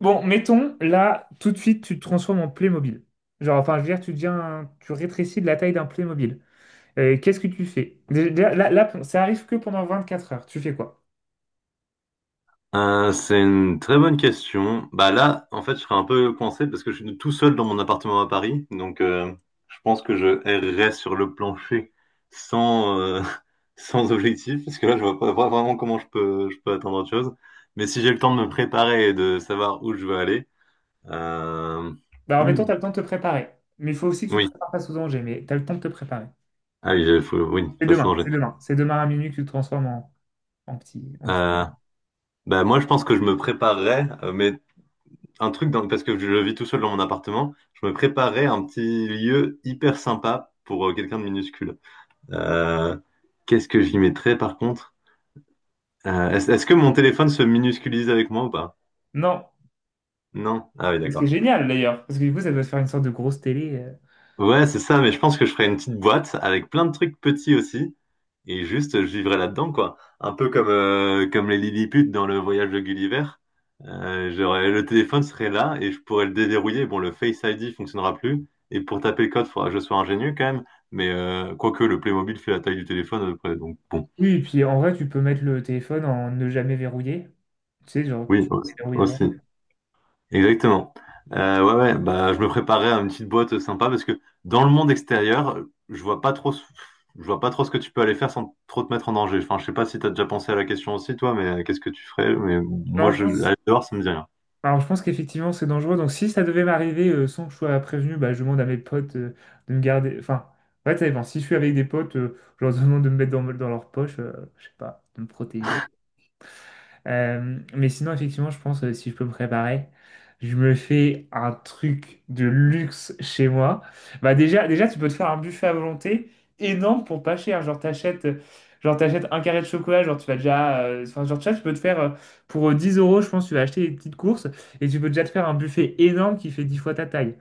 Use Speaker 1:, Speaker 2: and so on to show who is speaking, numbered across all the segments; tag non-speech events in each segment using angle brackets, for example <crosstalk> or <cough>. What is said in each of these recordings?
Speaker 1: Bon, mettons, là, tout de suite, tu te transformes en Playmobil. Genre, enfin, je veux dire, tu deviens, tu rétrécis de la taille d'un Playmobil. Qu'est-ce que tu fais? Déjà, là, ça arrive que pendant 24 heures. Tu fais quoi?
Speaker 2: C'est une très bonne question. Bah là, en fait, je serais un peu coincé parce que je suis tout seul dans mon appartement à Paris. Donc, je pense que je errerais sur le plancher sans, <laughs> sans objectif parce que là, je vois pas vraiment comment je peux attendre autre chose. Mais si j'ai le temps de me préparer et de savoir où je veux aller, euh,
Speaker 1: Bah, alors, mettons,
Speaker 2: hmm,
Speaker 1: tu as le temps de te préparer. Mais il faut aussi que tu te
Speaker 2: oui.
Speaker 1: prépares face au danger. Mais tu as le temps de te préparer.
Speaker 2: Ah oui, faut, oui,
Speaker 1: C'est
Speaker 2: faut se
Speaker 1: demain,
Speaker 2: danger.
Speaker 1: c'est demain. C'est demain à minuit que tu te transformes en, en petit.
Speaker 2: Euh, bah moi, je pense que je me préparerais, mais parce que je vis tout seul dans mon appartement. Je me préparais un petit lieu hyper sympa pour quelqu'un de minuscule. Euh, qu'est-ce que j'y mettrais par contre? Est-ce que mon téléphone se minusculise avec moi ou pas?
Speaker 1: Non.
Speaker 2: Non? Ah oui,
Speaker 1: Ce qui est
Speaker 2: d'accord.
Speaker 1: génial d'ailleurs, parce que du coup, ça doit se faire une sorte de grosse télé.
Speaker 2: Ouais, c'est ça, mais je pense que je ferais une petite boîte avec plein de trucs petits aussi, et juste je vivrais là-dedans, quoi. Un peu comme les Lilliput dans le voyage de Gulliver. Le téléphone serait là et je pourrais le déverrouiller. Bon, le Face ID fonctionnera plus, et pour taper le code, faudra que je sois ingénieux quand même, mais quoique le Playmobil fait la taille du téléphone à peu près, donc bon.
Speaker 1: Oui, et puis en vrai, tu peux mettre le téléphone en ne jamais verrouiller. Tu sais, genre,
Speaker 2: Oui,
Speaker 1: tu
Speaker 2: aussi.
Speaker 1: déverrouilles avant.
Speaker 2: Aussi. Exactement. Ouais, ouais, bah, je me préparais à une petite boîte sympa parce que dans le monde extérieur, je vois pas trop ce que tu peux aller faire sans trop te mettre en danger. Enfin, je sais pas si tu as déjà pensé à la question aussi, toi, mais qu'est-ce que tu ferais? Mais
Speaker 1: Non,
Speaker 2: moi,
Speaker 1: je pense.
Speaker 2: aller dehors, ça me dit rien.
Speaker 1: Alors, je pense qu'effectivement, c'est dangereux. Donc, si ça devait m'arriver sans que je sois prévenu, bah, je demande à mes potes de me garder. Enfin, en fait, ça dépend. Si je suis avec des potes, je leur <laughs> demande de me mettre dans leur poche, je sais pas, de me protéger. Mais sinon, effectivement, je pense, si je peux me préparer, je me fais un truc de luxe chez moi. Bah déjà, tu peux te faire un buffet à volonté énorme pour pas cher. Genre, t'achètes un carré de chocolat, genre, tu vas déjà Enfin, genre, tu vois, tu peux te faire pour 10 euros, je pense, tu vas acheter des petites courses et tu peux déjà te faire un buffet énorme qui fait 10 fois ta taille.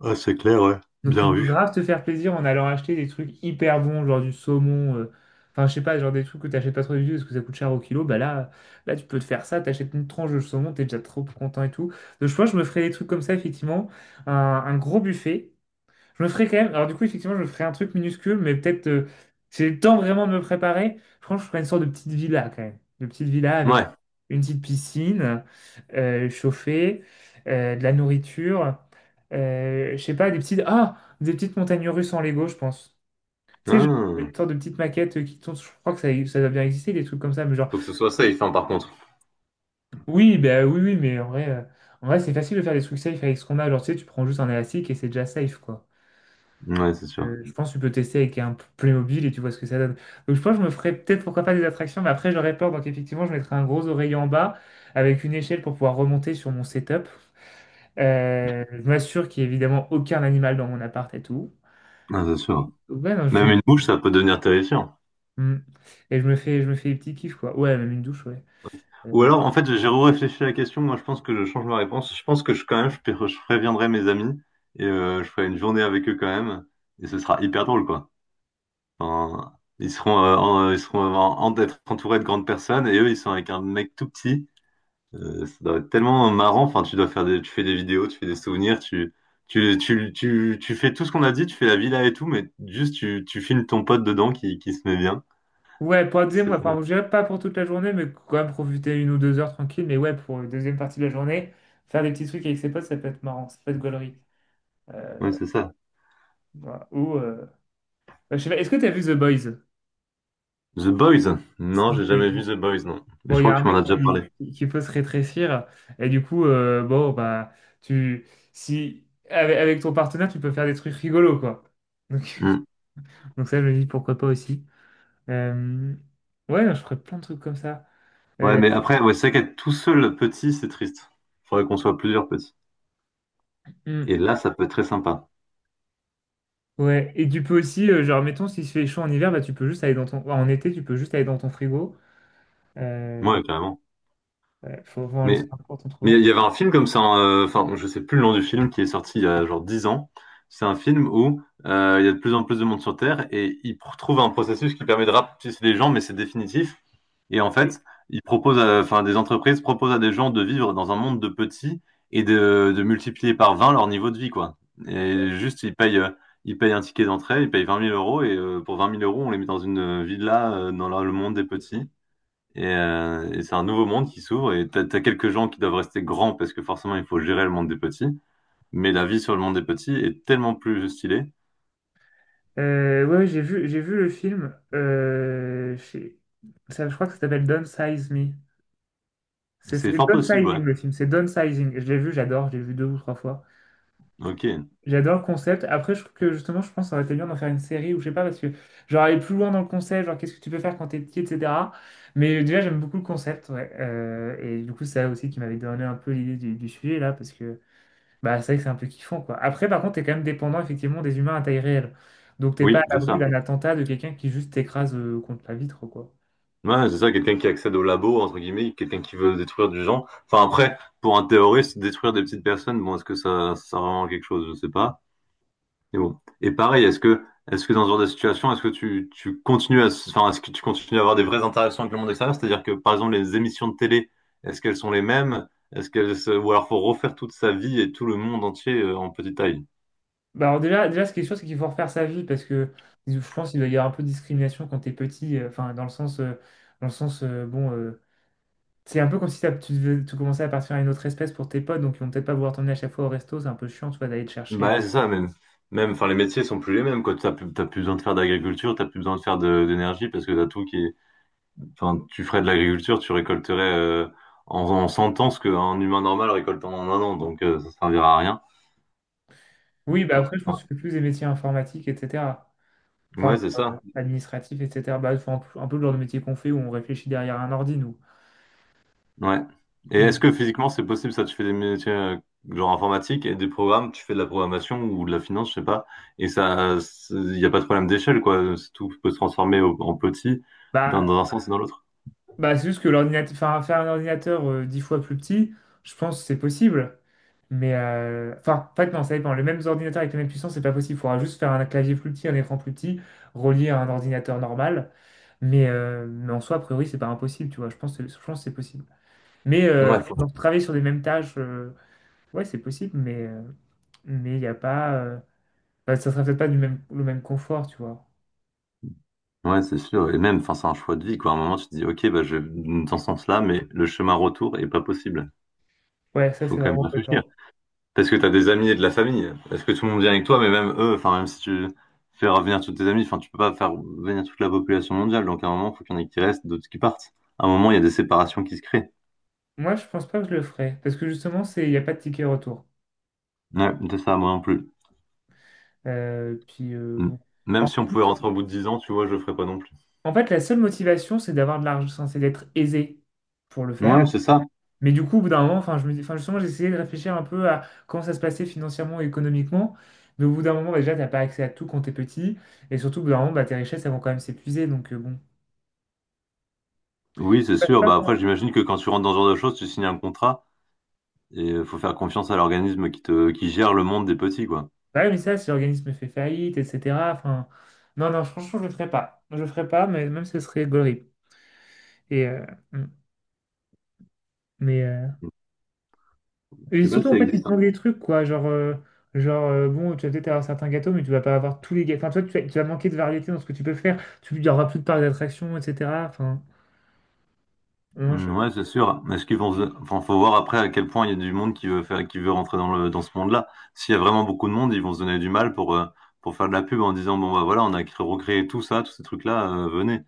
Speaker 2: Ah, c'est clair, ouais.
Speaker 1: Donc tu
Speaker 2: Bien
Speaker 1: peux
Speaker 2: vu.
Speaker 1: grave te faire plaisir en allant acheter des trucs hyper bons, genre du saumon, enfin je sais pas, genre des trucs que t'achètes pas trop du tout parce que ça coûte cher au kilo, bah là tu peux te faire ça, t'achètes une tranche de saumon, t'es déjà trop content et tout. Donc je pense que je me ferais des trucs comme ça, effectivement, un gros buffet. Je me ferai quand même. Alors, du coup, effectivement, je me ferai un truc minuscule, mais peut-être, si j'ai le temps vraiment de me préparer, je pense que je ferai une sorte de petite villa quand même. Une petite villa avec
Speaker 2: Ouais.
Speaker 1: une petite piscine, chauffée, de la nourriture. Je sais pas, des petites. Ah! Des petites montagnes russes en Lego, je pense. Tu sais,
Speaker 2: Ah,
Speaker 1: une sorte de petite maquette qui tourne. Je crois que ça doit bien exister, des trucs comme ça. Mais genre,
Speaker 2: faut que ce soit safe, hein, par contre.
Speaker 1: oui, bah oui, mais en vrai, c'est facile de faire des trucs safe avec ce qu'on a. Genre, tu sais, tu prends juste un élastique et c'est déjà safe, quoi.
Speaker 2: Ouais, c'est sûr.
Speaker 1: Je pense que tu peux tester avec un Playmobil et tu vois ce que ça donne. Donc je pense que je me ferais peut-être pourquoi pas des attractions, mais après j'aurais peur. Donc effectivement, je mettrais un gros oreiller en bas avec une échelle pour pouvoir remonter sur mon setup. Je m'assure qu'il n'y ait évidemment aucun animal dans mon appart et tout.
Speaker 2: Ah, c'est sûr.
Speaker 1: Ouais, non,
Speaker 2: Même une mouche, ça peut devenir terrifiant.
Speaker 1: Hmm. Et je me fais des petits kiffs, quoi. Ouais, même une douche, ouais.
Speaker 2: Ou
Speaker 1: Euh,
Speaker 2: alors, en fait, j'ai réfléchi à la question. Moi, je pense que je change ma réponse. Je pense que quand même, je préviendrai mes amis et je ferai une journée avec eux quand même. Et ce sera hyper drôle, quoi. Enfin, ils seront d'être entourés de grandes personnes et eux, ils sont avec un mec tout petit. Ça doit être tellement marrant. Enfin, tu fais des vidéos, tu fais des souvenirs, tu fais tout ce qu'on a dit, tu fais la villa et tout, mais juste tu filmes ton pote dedans qui se met bien.
Speaker 1: Ouais, pour la deuxième, ouais,
Speaker 2: C'est-
Speaker 1: enfin, je dirais pas pour toute la journée, mais quand même profiter une ou deux heures tranquille. Mais ouais, pour la deuxième partie de la journée, faire des petits trucs avec ses potes, ça peut être marrant, ça peut être gaulerie.
Speaker 2: Ouais,
Speaker 1: Euh,
Speaker 2: c'est ça.
Speaker 1: voilà. Ou, je sais pas, est-ce que t'as vu The Boys?
Speaker 2: The Boys? Non, j'ai jamais
Speaker 1: Bon,
Speaker 2: vu The Boys, non. Mais je
Speaker 1: il y
Speaker 2: crois
Speaker 1: a
Speaker 2: que
Speaker 1: un
Speaker 2: tu m'en
Speaker 1: mec
Speaker 2: as déjà, ouais, parlé.
Speaker 1: qui peut se rétrécir et du coup, bon, bah, tu, si, avec, avec ton partenaire, tu peux faire des trucs rigolos, quoi. Donc,
Speaker 2: Hmm.
Speaker 1: <laughs> donc ça, je me dis pourquoi pas aussi. Euh, ouais, je ferais plein de trucs comme ça.
Speaker 2: Ouais,
Speaker 1: Euh,
Speaker 2: mais après, ouais, c'est vrai qu'être tout seul petit, c'est triste. Faudrait qu'on soit plusieurs petits.
Speaker 1: hmm,
Speaker 2: Et là, ça peut être très sympa.
Speaker 1: ouais, et tu peux aussi, genre, mettons, s'il se fait chaud en hiver, bah, tu peux juste aller dans ton, enfin, en été, tu peux juste aller dans ton frigo. Euh,
Speaker 2: Ouais, carrément.
Speaker 1: ouais, faut en
Speaker 2: Mais
Speaker 1: laisser un porte
Speaker 2: Mais
Speaker 1: entrouverte.
Speaker 2: il y avait un film comme ça, hein, enfin, je sais plus le nom du film, qui est sorti il y a genre 10 ans. C'est un film où il y a de plus en plus de monde sur Terre et trouvent un processus qui permet de rapetisser les gens, mais c'est définitif. Et en fait, enfin, des entreprises proposent à des gens de vivre dans un monde de petits et de multiplier par 20 leur niveau de vie, quoi. Et juste, ils payent un ticket d'entrée, ils payent 20 000 € et pour vingt mille euros, on les met dans une villa dans le monde des petits. Et c'est un nouveau monde qui s'ouvre et t'as quelques gens qui doivent rester grands parce que forcément il faut gérer le monde des petits. Mais la vie sur le monde des petits est tellement plus stylée.
Speaker 1: Ouais, j'ai vu le film. Ça, je crois que ça s'appelle downsize Me. C'est
Speaker 2: C'est fort possible,
Speaker 1: Downsizing
Speaker 2: ouais.
Speaker 1: le film, c'est Downsizing. Je l'ai vu, j'adore, je l'ai vu 2 ou 3 fois.
Speaker 2: Ok.
Speaker 1: J'adore le concept. Après, je trouve que justement, je pense que ça aurait été bien d'en faire une série ou je sais pas, parce que genre aller plus loin dans le concept, genre qu'est-ce que tu peux faire quand t'es petit, etc. Mais déjà, j'aime beaucoup le concept, ouais. Et du coup, c'est ça aussi qui m'avait donné un peu l'idée du sujet là, parce que bah, c'est vrai que c'est un peu kiffant, quoi. Après, par contre, t'es quand même dépendant, effectivement, des humains à taille réelle. Donc, t'es pas
Speaker 2: Oui,
Speaker 1: à
Speaker 2: c'est
Speaker 1: l'abri
Speaker 2: ça.
Speaker 1: d'un attentat de quelqu'un qui juste t'écrase contre la vitre, quoi.
Speaker 2: Ouais, c'est ça, quelqu'un qui accède au labo, entre guillemets, quelqu'un qui veut détruire du genre. Enfin après, pour un terroriste, détruire des petites personnes, bon, est-ce que ça sert vraiment à quelque chose? Je sais pas. Et bon. Et pareil, est-ce que dans ce genre de situation, est-ce que tu continues à avoir des vraies interactions avec le monde extérieur? C'est-à-dire que, par exemple, les émissions de télé, est-ce qu'elles sont les mêmes? Ou alors faut refaire toute sa vie et tout le monde entier en petite taille?
Speaker 1: Bah, alors, déjà, ce qui est sûr, c'est qu'il faut refaire sa vie parce que je pense qu'il doit y avoir un peu de discrimination quand t'es petit. Enfin, dans le sens c'est un peu comme si tu commençais à partir à une autre espèce pour tes potes, donc ils vont peut-être pas vouloir t'emmener à chaque fois au resto. C'est un peu chiant, tu vois, d'aller te chercher.
Speaker 2: Bah, ouais, c'est ça, même. Même, enfin, les métiers sont plus les mêmes, quoi. T'as plus besoin de faire d'agriculture, t'as plus besoin de faire d'énergie parce que t'as tout qui est, enfin, tu ferais de l'agriculture, tu récolterais, en 100 ans ce qu'un humain normal récolte en un an, donc, ça servira à rien.
Speaker 1: Oui, bah,
Speaker 2: Enfin,
Speaker 1: après, je pense que tu fais plus des métiers informatiques, etc.
Speaker 2: ouais,
Speaker 1: Enfin,
Speaker 2: c'est ça.
Speaker 1: administratif, etc. Bah, c'est un peu le genre de métier qu'on fait où on réfléchit derrière un ordi, nous.
Speaker 2: Ouais. Et
Speaker 1: Mais,
Speaker 2: est-ce que physiquement c'est possible ça? Tu fais des métiers genre informatique et des programmes, tu fais de la programmation ou de la finance, je sais pas. Et ça, il n'y a pas de problème d'échelle, quoi. C'est Tout peut se transformer en petit dans,
Speaker 1: bah,
Speaker 2: dans un sens et dans l'autre.
Speaker 1: bah, c'est juste que l'ordinateur, enfin, faire un ordinateur dix fois plus petit, je pense que c'est possible. Enfin, en fait, non, ça dépend. Les mêmes ordinateurs avec la même puissance c'est pas possible. Il faudra juste faire un clavier plus petit, un écran plus petit, relié à un ordinateur normal. Mais en soi, a priori, c'est pas impossible, tu vois. Je pense que c'est possible. Mais
Speaker 2: Ouais,
Speaker 1: genre, travailler sur les mêmes tâches, ouais, c'est possible, mais il n'y a pas. Bah, ça sera peut-être pas du même, le même confort, tu vois.
Speaker 2: ouais, c'est sûr. Et même, enfin, c'est un choix de vie, quoi. À un moment, tu te dis, ok, bah, je vais dans ce sens-là, mais le chemin retour est pas possible.
Speaker 1: Ouais, ça,
Speaker 2: Faut
Speaker 1: c'est
Speaker 2: quand même
Speaker 1: vraiment
Speaker 2: réfléchir.
Speaker 1: pétant.
Speaker 2: Parce que t'as des amis et de la famille. Est-ce que tout le monde vient avec toi, mais même eux, enfin même si tu fais revenir tous tes amis, enfin tu peux pas faire venir toute la population mondiale. Donc à un moment, il faut qu'il y en ait qui restent, d'autres qui partent. À un moment, il y a des séparations qui se créent.
Speaker 1: Moi, je pense pas que je le ferais, parce que justement, c'est, il n'y a pas de ticket retour.
Speaker 2: Ouais, c'est ça, moi non plus.
Speaker 1: Puis,
Speaker 2: Mm.
Speaker 1: bon.
Speaker 2: Même
Speaker 1: En
Speaker 2: si on pouvait
Speaker 1: fait,
Speaker 2: rentrer au bout de 10 ans, tu vois, je le ferais pas non plus.
Speaker 1: En fait, la seule motivation, c'est d'avoir de l'argent, enfin, c'est d'être aisé pour le faire.
Speaker 2: Ouais, c'est ça.
Speaker 1: Mais du coup, au bout d'un moment, enfin, je me dis, enfin, justement, j'ai essayé de réfléchir un peu à comment ça se passait financièrement et économiquement. Mais au bout d'un moment, bah, déjà, t'as pas accès à tout quand t'es petit. Et surtout, au bout d'un moment, bah, tes richesses, elles vont quand même s'épuiser. Donc, bon.
Speaker 2: Oui, c'est sûr. Bah après, j'imagine que quand tu rentres dans ce genre de choses, tu signes un contrat et faut faire confiance à l'organisme qui gère le monde des petits, quoi.
Speaker 1: Ouais, mais ça, si l'organisme fait faillite, etc. Enfin, non, non, franchement, je le ferai pas. Je le ferai pas, mais même ce serait gaulerie. Et, euh, mm, mais, euh,
Speaker 2: Je
Speaker 1: et
Speaker 2: sais pas
Speaker 1: surtout,
Speaker 2: si
Speaker 1: en
Speaker 2: ça
Speaker 1: fait, ils te
Speaker 2: existe.
Speaker 1: demandent des trucs, quoi. Genre bon, tu vas peut-être avoir certains gâteaux, mais tu vas pas avoir tous les gâteaux. Enfin, toi, tu vas manquer de variété dans ce que tu peux faire. Il y aura plus de parcs d'attractions, etc. Enfin, moi,
Speaker 2: Mm,
Speaker 1: je-
Speaker 2: ouais, c'est sûr. Est-ce qu'ils vont, enfin, faut voir après à quel point il y a du monde qui veut faire, qui veut rentrer dans le, dans ce monde-là. S'il y a vraiment beaucoup de monde, ils vont se donner du mal pour faire de la pub en disant, bon, bah voilà, on a recréé tout ça, tous ces trucs-là, venez.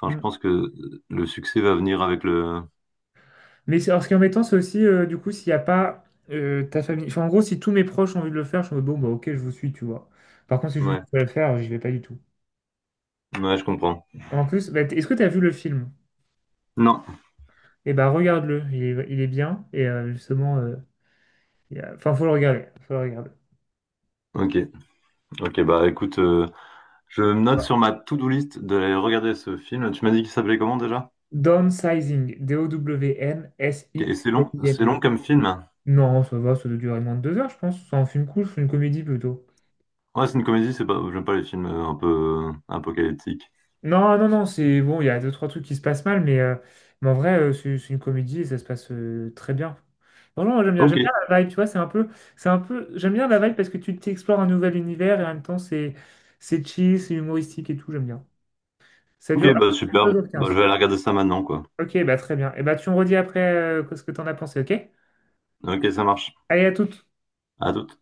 Speaker 2: Enfin, je
Speaker 1: mm.
Speaker 2: pense que le succès va venir avec le,
Speaker 1: Mais alors, ce qui est embêtant, c'est aussi, du coup, s'il n'y a pas ta famille. Enfin, en gros, si tous mes proches ont envie de le faire, je suis en mode, bon, bah, ok, je vous suis, tu vois. Par contre, si je suis
Speaker 2: ouais,
Speaker 1: seul à le faire, j'y vais pas du tout.
Speaker 2: ouais, je comprends.
Speaker 1: En plus, bah, est-ce que tu as vu le film?
Speaker 2: Non.
Speaker 1: Et ben, regarde-le, il est bien. Et justement, il y a- Enfin, faut le regarder. Faut le regarder.
Speaker 2: Ok. Ok, bah, écoute, je me note
Speaker 1: Voilà.
Speaker 2: sur ma to-do list d'aller regarder ce film. Tu m'as dit qu'il s'appelait comment déjà?
Speaker 1: Downsizing,
Speaker 2: Ok, et c'est long
Speaker 1: Downsizing.
Speaker 2: comme film.
Speaker 1: Non, ça va, ça doit durer moins de 2 heures, je pense. C'est un film cool, c'est une comédie plutôt.
Speaker 2: Ouais, c'est une comédie, c'est pas, j'aime pas les films un peu apocalyptiques.
Speaker 1: Non, non, non, c'est bon, il y a deux, trois trucs qui se passent mal, mais en vrai, c'est une comédie et ça se passe très bien. Non, non,
Speaker 2: Ok.
Speaker 1: j'aime bien la vibe, tu vois, c'est un peu, j'aime bien la vibe parce que tu t'explores un nouvel univers et en même temps, c'est chill, c'est humoristique et tout, j'aime bien. Ça
Speaker 2: Ok,
Speaker 1: dure
Speaker 2: bah super.
Speaker 1: deux heures
Speaker 2: Bah, je
Speaker 1: quinze.
Speaker 2: vais aller regarder ça maintenant, quoi.
Speaker 1: Ok, bah très bien. Et bah tu me redis après ce que t'en as pensé, ok?
Speaker 2: Ok, ça marche.
Speaker 1: Allez, à toutes.
Speaker 2: À toute.